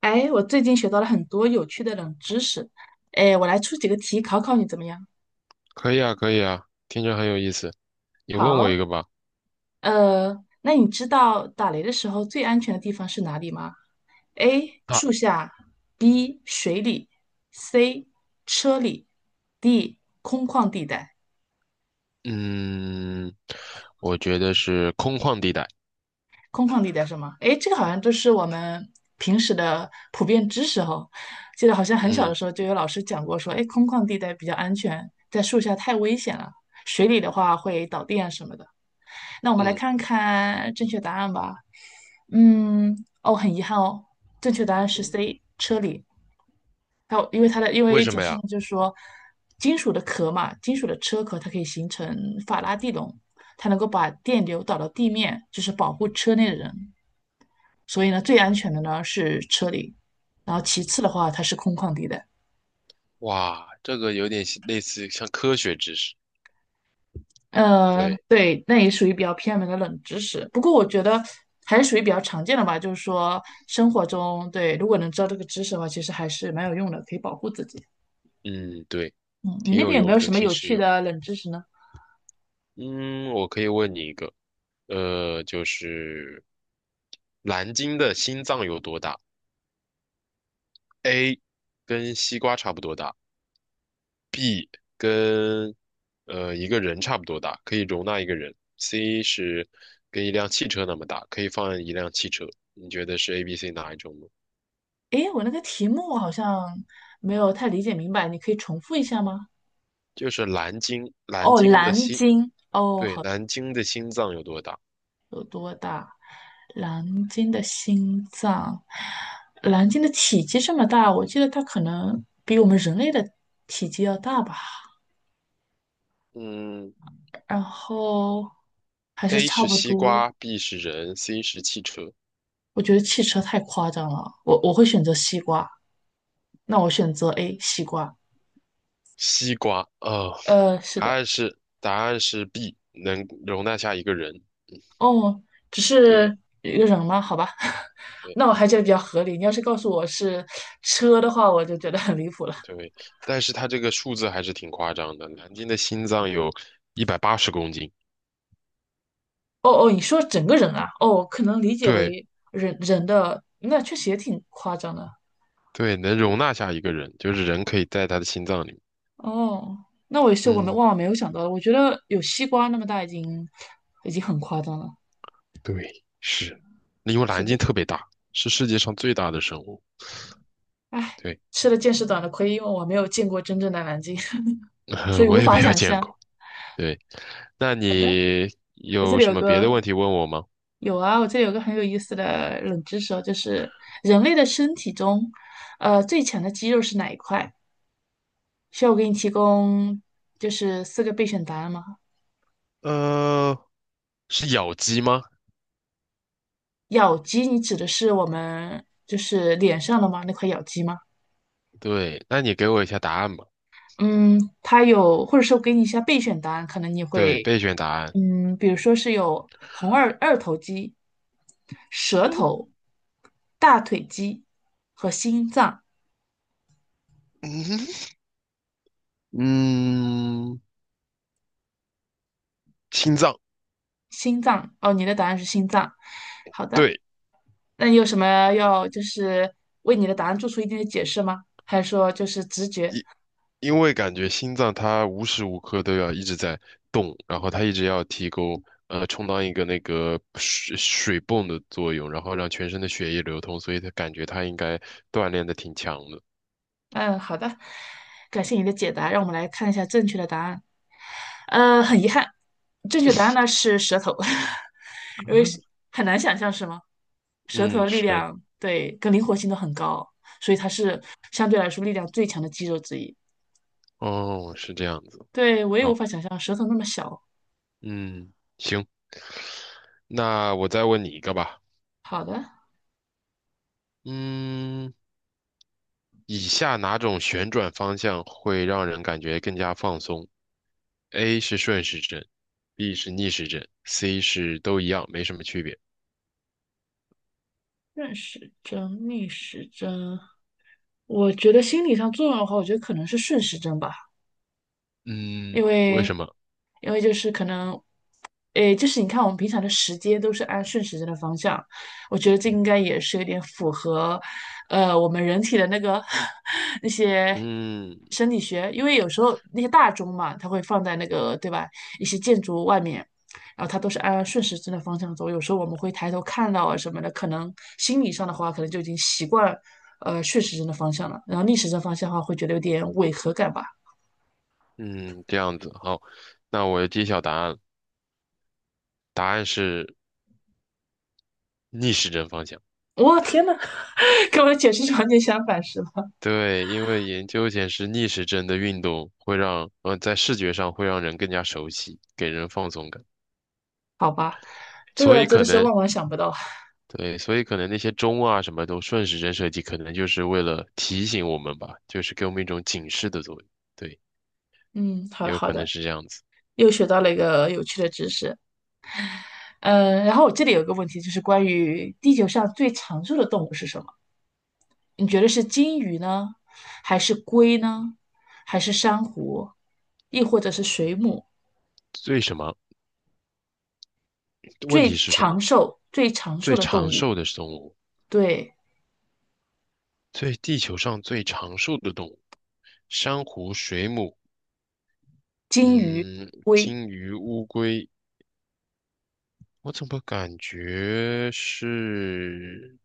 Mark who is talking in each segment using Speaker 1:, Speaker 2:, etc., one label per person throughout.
Speaker 1: 哎，我最近学到了很多有趣的冷知识，哎，我来出几个题考考你怎么样？
Speaker 2: 可以啊，可以啊，听着很有意思。你问我
Speaker 1: 好，
Speaker 2: 一个吧。
Speaker 1: 那你知道打雷的时候最安全的地方是哪里吗？A.
Speaker 2: 啊，
Speaker 1: 树下，B. 水里，C. 车里，D. 空旷地带。
Speaker 2: 嗯，我觉得是空旷地带。
Speaker 1: 空旷地带是吗？诶，这个好像都是我们平时的普遍知识哈。记得好像很小的
Speaker 2: 嗯
Speaker 1: 时候就有老师讲过说，诶，空旷地带比较安全，在树下太危险了，水里的话会导电啊什么的。那我们来
Speaker 2: 嗯
Speaker 1: 看看正确答案吧。嗯，哦，很遗憾哦，正确答案是
Speaker 2: 嗯，
Speaker 1: C，车里。还有，因为它的，因
Speaker 2: 为
Speaker 1: 为
Speaker 2: 什
Speaker 1: 解
Speaker 2: 么
Speaker 1: 释
Speaker 2: 呀？
Speaker 1: 呢，就是说，金属的壳嘛，金属的车壳，它可以形成法拉第笼，它能够把电流导到地面，就是保护车内的人。所以呢，最安全的呢是车里，然后其次的话，它是空旷地带。
Speaker 2: 哇，这个有点像类似像科学知识。对，
Speaker 1: 对，那也属于比较偏门的冷知识，不过我觉得还是属于比较常见的吧。就是说，生活中对，如果能知道这个知识的话，其实还是蛮有用的，可以保护自己。
Speaker 2: 嗯对，
Speaker 1: 嗯，你
Speaker 2: 挺
Speaker 1: 那
Speaker 2: 有
Speaker 1: 边有没
Speaker 2: 用
Speaker 1: 有
Speaker 2: 的，
Speaker 1: 什么
Speaker 2: 挺
Speaker 1: 有
Speaker 2: 实
Speaker 1: 趣
Speaker 2: 用。
Speaker 1: 的冷知识呢？
Speaker 2: 嗯，我可以问你一个，就是蓝鲸的心脏有多大？A，跟西瓜差不多大。跟一个人差不多大，可以容纳一个人。C 是跟一辆汽车那么大，可以放一辆汽车。你觉得是 A、B、C 哪一种呢？
Speaker 1: 诶，我那个题目好像没有太理解明白，你可以重复一下吗？
Speaker 2: 就是蓝鲸，蓝
Speaker 1: 哦，
Speaker 2: 鲸的
Speaker 1: 蓝
Speaker 2: 心，
Speaker 1: 鲸，
Speaker 2: 对，蓝鲸的心脏有多大？
Speaker 1: 蓝鲸的心脏，蓝鲸的体积这么大，我记得它可能比我们人类的体积要大吧。
Speaker 2: 嗯
Speaker 1: 然后还是
Speaker 2: ，A
Speaker 1: 差
Speaker 2: 是
Speaker 1: 不
Speaker 2: 西
Speaker 1: 多。
Speaker 2: 瓜，B 是人，C 是汽车。
Speaker 1: 我觉得汽车太夸张了，我会选择西瓜。那我选择 A，西瓜。
Speaker 2: 西瓜，哦，
Speaker 1: 是
Speaker 2: 答
Speaker 1: 的，
Speaker 2: 案是答案是 B，能容纳下一个人。
Speaker 1: 哦，只
Speaker 2: 对
Speaker 1: 是一个人吗？好吧，
Speaker 2: 对
Speaker 1: 那我还觉得比较合理。你要是告诉我是车的话，我就觉得很离谱了。
Speaker 2: 对，但是它这个数字还是挺夸张的，蓝鲸的心脏有180公斤。
Speaker 1: 哦哦，你说整个人啊，哦，可能理解
Speaker 2: 对
Speaker 1: 为人的，那确实也挺夸张的。
Speaker 2: 对，能容纳下一个人，就是人可以在他的心脏里面。
Speaker 1: 哦，那我也是，我们
Speaker 2: 嗯，
Speaker 1: 万万没有想到的。我觉得有西瓜那么大已经已经很夸张了。
Speaker 2: 对，是，因为
Speaker 1: 是
Speaker 2: 蓝鲸
Speaker 1: 的，
Speaker 2: 特别大，是世界上最大的生物。
Speaker 1: 唉，
Speaker 2: 对，
Speaker 1: 吃了见识短的亏，因为我没有见过真正的南京，所以 无
Speaker 2: 我也没
Speaker 1: 法
Speaker 2: 有
Speaker 1: 想
Speaker 2: 见
Speaker 1: 象。
Speaker 2: 过。对，那
Speaker 1: 好的，
Speaker 2: 你
Speaker 1: 我这
Speaker 2: 有
Speaker 1: 里
Speaker 2: 什
Speaker 1: 有
Speaker 2: 么别的
Speaker 1: 个
Speaker 2: 问题问我吗？
Speaker 1: 有啊，我这里有个很有意思的冷知识哦，就是人类的身体中，最强的肌肉是哪一块？需要我给你提供就是四个备选答案吗？
Speaker 2: 呃，是咬肌吗？
Speaker 1: 咬肌，你指的是我们就是脸上的吗？那块咬肌吗？
Speaker 2: 对，那你给我一下答案吧。
Speaker 1: 嗯，它有，或者说我给你一下备选答案，可能你
Speaker 2: 对，
Speaker 1: 会，
Speaker 2: 备选答案。
Speaker 1: 嗯，比如说是有红二头肌、舌头、大腿肌和心脏。
Speaker 2: 嗯，心脏。
Speaker 1: 心脏，哦，你的答案是心脏。好的，
Speaker 2: 对。
Speaker 1: 那你有什么要就是为你的答案做出一定的解释吗？还是说就是直觉？
Speaker 2: 因为感觉心脏它无时无刻都要一直在动，然后它一直要提供充当一个那个水泵的作用，然后让全身的血液流通，所以它感觉它应该锻炼的挺强的。
Speaker 1: 嗯，好的，感谢你的解答，让我们来看一下正确的答案。很遗憾，正确答案呢是舌头，因为是很难想象是吗？舌头
Speaker 2: 嗯，
Speaker 1: 的力
Speaker 2: 是，
Speaker 1: 量对跟灵活性都很高，所以它是相对来说力量最强的肌肉之一。
Speaker 2: 哦，是这样子。
Speaker 1: 对，我也无
Speaker 2: 好，
Speaker 1: 法想象舌头那么小。
Speaker 2: 嗯，行，那我再问你一个吧。
Speaker 1: 好的，
Speaker 2: 嗯，以下哪种旋转方向会让人感觉更加放松？A 是顺时针，B 是逆时针，C 是都一样，没什么区别。
Speaker 1: 顺时针、逆时针，我觉得心理上作用的话，我觉得可能是顺时针吧。
Speaker 2: 嗯，
Speaker 1: 因
Speaker 2: 为
Speaker 1: 为
Speaker 2: 什么？
Speaker 1: 因为就是可能，诶，就是你看我们平常的时间都是按顺时针的方向，我觉得这应该也是有点符合，我们人体的那个 那些
Speaker 2: 嗯
Speaker 1: 生理学，因为有时候那些大钟嘛，它会放在那个对吧，一些建筑外面。然后它都是按顺时针的方向走，有时候我们会抬头看到啊什么的，可能心理上的话，可能就已经习惯，顺时针的方向了，然后逆时针方向的话，会觉得有点违和感吧。
Speaker 2: 嗯，这样子，好，那我揭晓答案，答案是逆时针方向。
Speaker 1: 我、天呐，跟我的解释场完全相反，是吗？
Speaker 2: 对，因为研究显示逆时针的运动会让，在视觉上会让人更加熟悉，给人放松感。
Speaker 1: 好吧，这
Speaker 2: 所
Speaker 1: 个
Speaker 2: 以
Speaker 1: 真
Speaker 2: 可
Speaker 1: 的是
Speaker 2: 能，
Speaker 1: 万万想不到。
Speaker 2: 对，所以可能那些钟啊什么都顺时针设计，可能就是为了提醒我们吧，就是给我们一种警示的作用。对，
Speaker 1: 嗯，好的
Speaker 2: 也有
Speaker 1: 好
Speaker 2: 可能
Speaker 1: 的，
Speaker 2: 是这样子。
Speaker 1: 又学到了一个有趣的知识。嗯，然后我这里有个问题，就是关于地球上最长寿的动物是什么？你觉得是金鱼呢，还是龟呢，还是珊瑚，亦或者是水母？
Speaker 2: 最什么？问题
Speaker 1: 最
Speaker 2: 是什
Speaker 1: 长
Speaker 2: 么？
Speaker 1: 寿、最长寿
Speaker 2: 最
Speaker 1: 的动
Speaker 2: 长
Speaker 1: 物，
Speaker 2: 寿的动物。
Speaker 1: 对，
Speaker 2: 地球上最长寿的动物，珊瑚、水母，
Speaker 1: 金鱼、
Speaker 2: 嗯，
Speaker 1: 龟。
Speaker 2: 金鱼、乌龟，我怎么感觉是，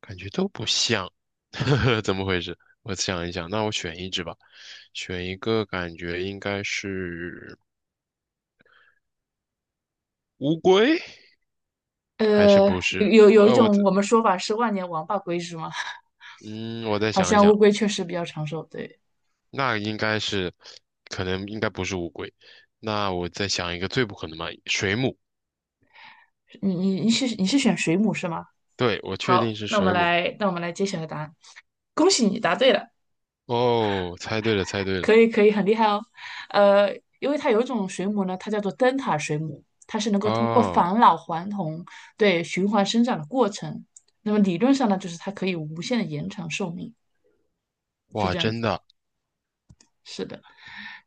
Speaker 2: 感觉都不像，呵呵，怎么回事？我想一想，那我选一只吧，选一个感觉应该是乌龟，还是
Speaker 1: 呃，
Speaker 2: 不
Speaker 1: 有
Speaker 2: 是？
Speaker 1: 有有一种我们说法是万年王八龟，是吗？
Speaker 2: 我再
Speaker 1: 好
Speaker 2: 想一
Speaker 1: 像乌
Speaker 2: 想，
Speaker 1: 龟确实比较长寿。对，
Speaker 2: 那应该是，可能应该不是乌龟，那我再想一个最不可能嘛，水母，
Speaker 1: 你是选水母是吗？
Speaker 2: 对，我确定
Speaker 1: 好，
Speaker 2: 是
Speaker 1: 那我们
Speaker 2: 水母。
Speaker 1: 来那我们来揭晓一答案。恭喜你答对了，
Speaker 2: 哦，猜对了，猜对了。
Speaker 1: 可以可以，很厉害哦。因为它有一种水母呢，它叫做灯塔水母，它是能够通过
Speaker 2: 啊！
Speaker 1: 返老还童对循环生长的过程。那么理论上呢，就是它可以无限的延长寿命，是
Speaker 2: 哇，
Speaker 1: 这样
Speaker 2: 真
Speaker 1: 子。
Speaker 2: 的。
Speaker 1: 是的，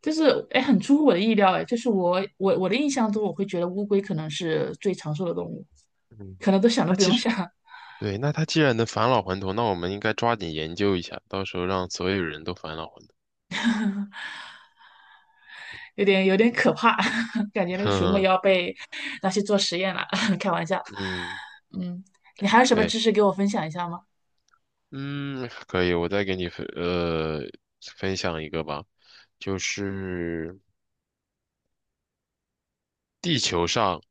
Speaker 1: 就是哎，很出乎我的意料哎，就是我的印象中，我会觉得乌龟可能是最长寿的动物，
Speaker 2: 嗯，
Speaker 1: 可能都想都
Speaker 2: 那
Speaker 1: 不
Speaker 2: 其
Speaker 1: 用
Speaker 2: 实
Speaker 1: 想。
Speaker 2: 对，那他既然能返老还童，那我们应该抓紧研究一下，到时候让所有人都返老还童。
Speaker 1: 有点有点可怕，感觉 那个
Speaker 2: 哼
Speaker 1: 水母
Speaker 2: 哼，
Speaker 1: 要被拿去做实验了。开玩笑，
Speaker 2: 嗯，
Speaker 1: 嗯，你还有什么
Speaker 2: 对，
Speaker 1: 知识给我分享一下吗？
Speaker 2: 嗯，可以，我再给你分享一个吧，就是地球上，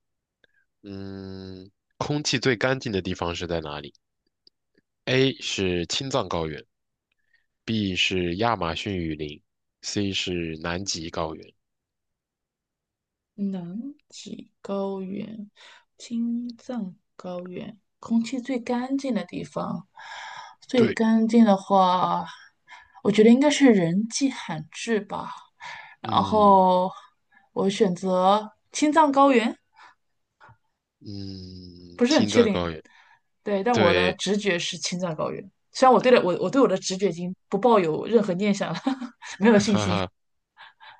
Speaker 2: 嗯，空气最干净的地方是在哪里？A 是青藏高原，B 是亚马逊雨林，C 是南极高原。
Speaker 1: 南极高原、青藏高原，空气最干净的地方，最
Speaker 2: 对。
Speaker 1: 干净的话，我觉得应该是人迹罕至吧。然
Speaker 2: 嗯
Speaker 1: 后我选择青藏高原，
Speaker 2: 嗯，
Speaker 1: 不是很
Speaker 2: 青
Speaker 1: 确
Speaker 2: 藏
Speaker 1: 定，
Speaker 2: 高原，
Speaker 1: 对，但我的
Speaker 2: 对，
Speaker 1: 直觉是青藏高原。虽然我对了我对我的直觉已经不抱有任何念想了，没有
Speaker 2: 哈
Speaker 1: 信心，
Speaker 2: 哈，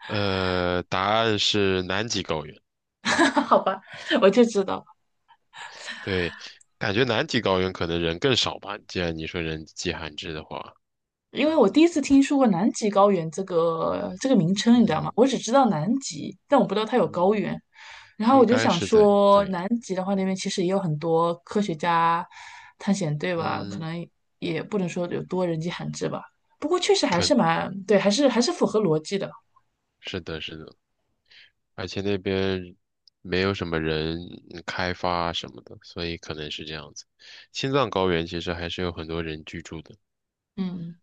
Speaker 2: 答案是南极高原，
Speaker 1: 好吧，我就知道，
Speaker 2: 对，感觉南极高原可能人更少吧，既然你说人迹罕至的话，
Speaker 1: 因为我第一次听说过南极高原这个名称，你知道吗？
Speaker 2: 嗯
Speaker 1: 我只知道南极，但我不知道它有高
Speaker 2: 嗯，
Speaker 1: 原。然后我
Speaker 2: 应
Speaker 1: 就
Speaker 2: 该
Speaker 1: 想
Speaker 2: 是在，
Speaker 1: 说，
Speaker 2: 对，
Speaker 1: 南极的话，那边其实也有很多科学家、探险队吧，可
Speaker 2: 嗯，
Speaker 1: 能也不能说有多人迹罕至吧。不过确实还是
Speaker 2: 肯，
Speaker 1: 蛮对，还是符合逻辑的。
Speaker 2: 是的，是的，而且那边没有什么人开发什么的，所以可能是这样子。青藏高原其实还是有很多人居住的，
Speaker 1: 嗯。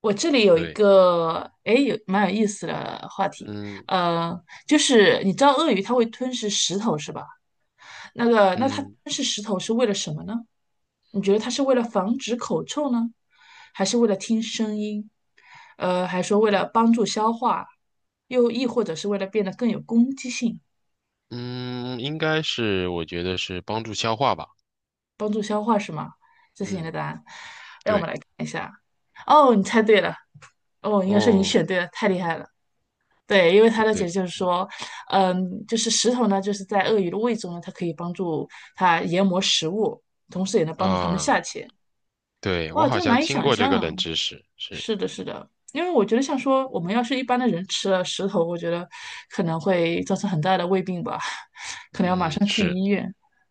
Speaker 1: 我这里有一
Speaker 2: 对，
Speaker 1: 个，哎，有蛮有意思的话题，
Speaker 2: 嗯
Speaker 1: 呃，就是你知道鳄鱼它会吞噬石头是吧？那个，那它吞
Speaker 2: 嗯。
Speaker 1: 噬石头是为了什么呢？你觉得它是为了防止口臭呢，还是为了听声音？还说为了帮助消化，又亦或者是为了变得更有攻击性，
Speaker 2: 嗯，应该是，我觉得是帮助消化吧。
Speaker 1: 帮助消化是吗？这是你的
Speaker 2: 嗯，
Speaker 1: 答案。
Speaker 2: 对，
Speaker 1: 等一下啊，哦，你猜对了，哦，应该是你
Speaker 2: 哦，
Speaker 1: 选对了，太厉害了。对，因为他
Speaker 2: 对
Speaker 1: 的解
Speaker 2: 对
Speaker 1: 释就是说，嗯，就是石头呢，就是在鳄鱼的胃中呢，它可以帮助它研磨食物，同时也能帮助它们
Speaker 2: 啊，
Speaker 1: 下潜。
Speaker 2: 对，我
Speaker 1: 哇，
Speaker 2: 好
Speaker 1: 真的
Speaker 2: 像
Speaker 1: 难以
Speaker 2: 听
Speaker 1: 想
Speaker 2: 过这个冷
Speaker 1: 象。
Speaker 2: 知识，是，
Speaker 1: 是的，是的，因为我觉得像说我们要是一般的人吃了石头，我觉得可能会造成很大的胃病吧。
Speaker 2: 嗯，是，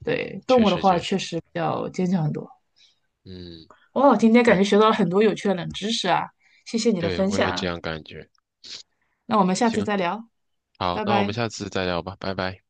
Speaker 1: 对，动
Speaker 2: 确
Speaker 1: 物的
Speaker 2: 实
Speaker 1: 话
Speaker 2: 确
Speaker 1: 确
Speaker 2: 实，
Speaker 1: 实比较坚强很多。
Speaker 2: 嗯，
Speaker 1: 哦，今天感觉
Speaker 2: 对
Speaker 1: 学到了很多有趣的冷知识啊，谢谢你的
Speaker 2: 对，
Speaker 1: 分
Speaker 2: 我
Speaker 1: 享
Speaker 2: 也
Speaker 1: 啊，
Speaker 2: 这样感觉。
Speaker 1: 那我们下次
Speaker 2: 行，
Speaker 1: 再聊，
Speaker 2: 好，
Speaker 1: 拜
Speaker 2: 那我们
Speaker 1: 拜。
Speaker 2: 下次再聊吧，拜拜。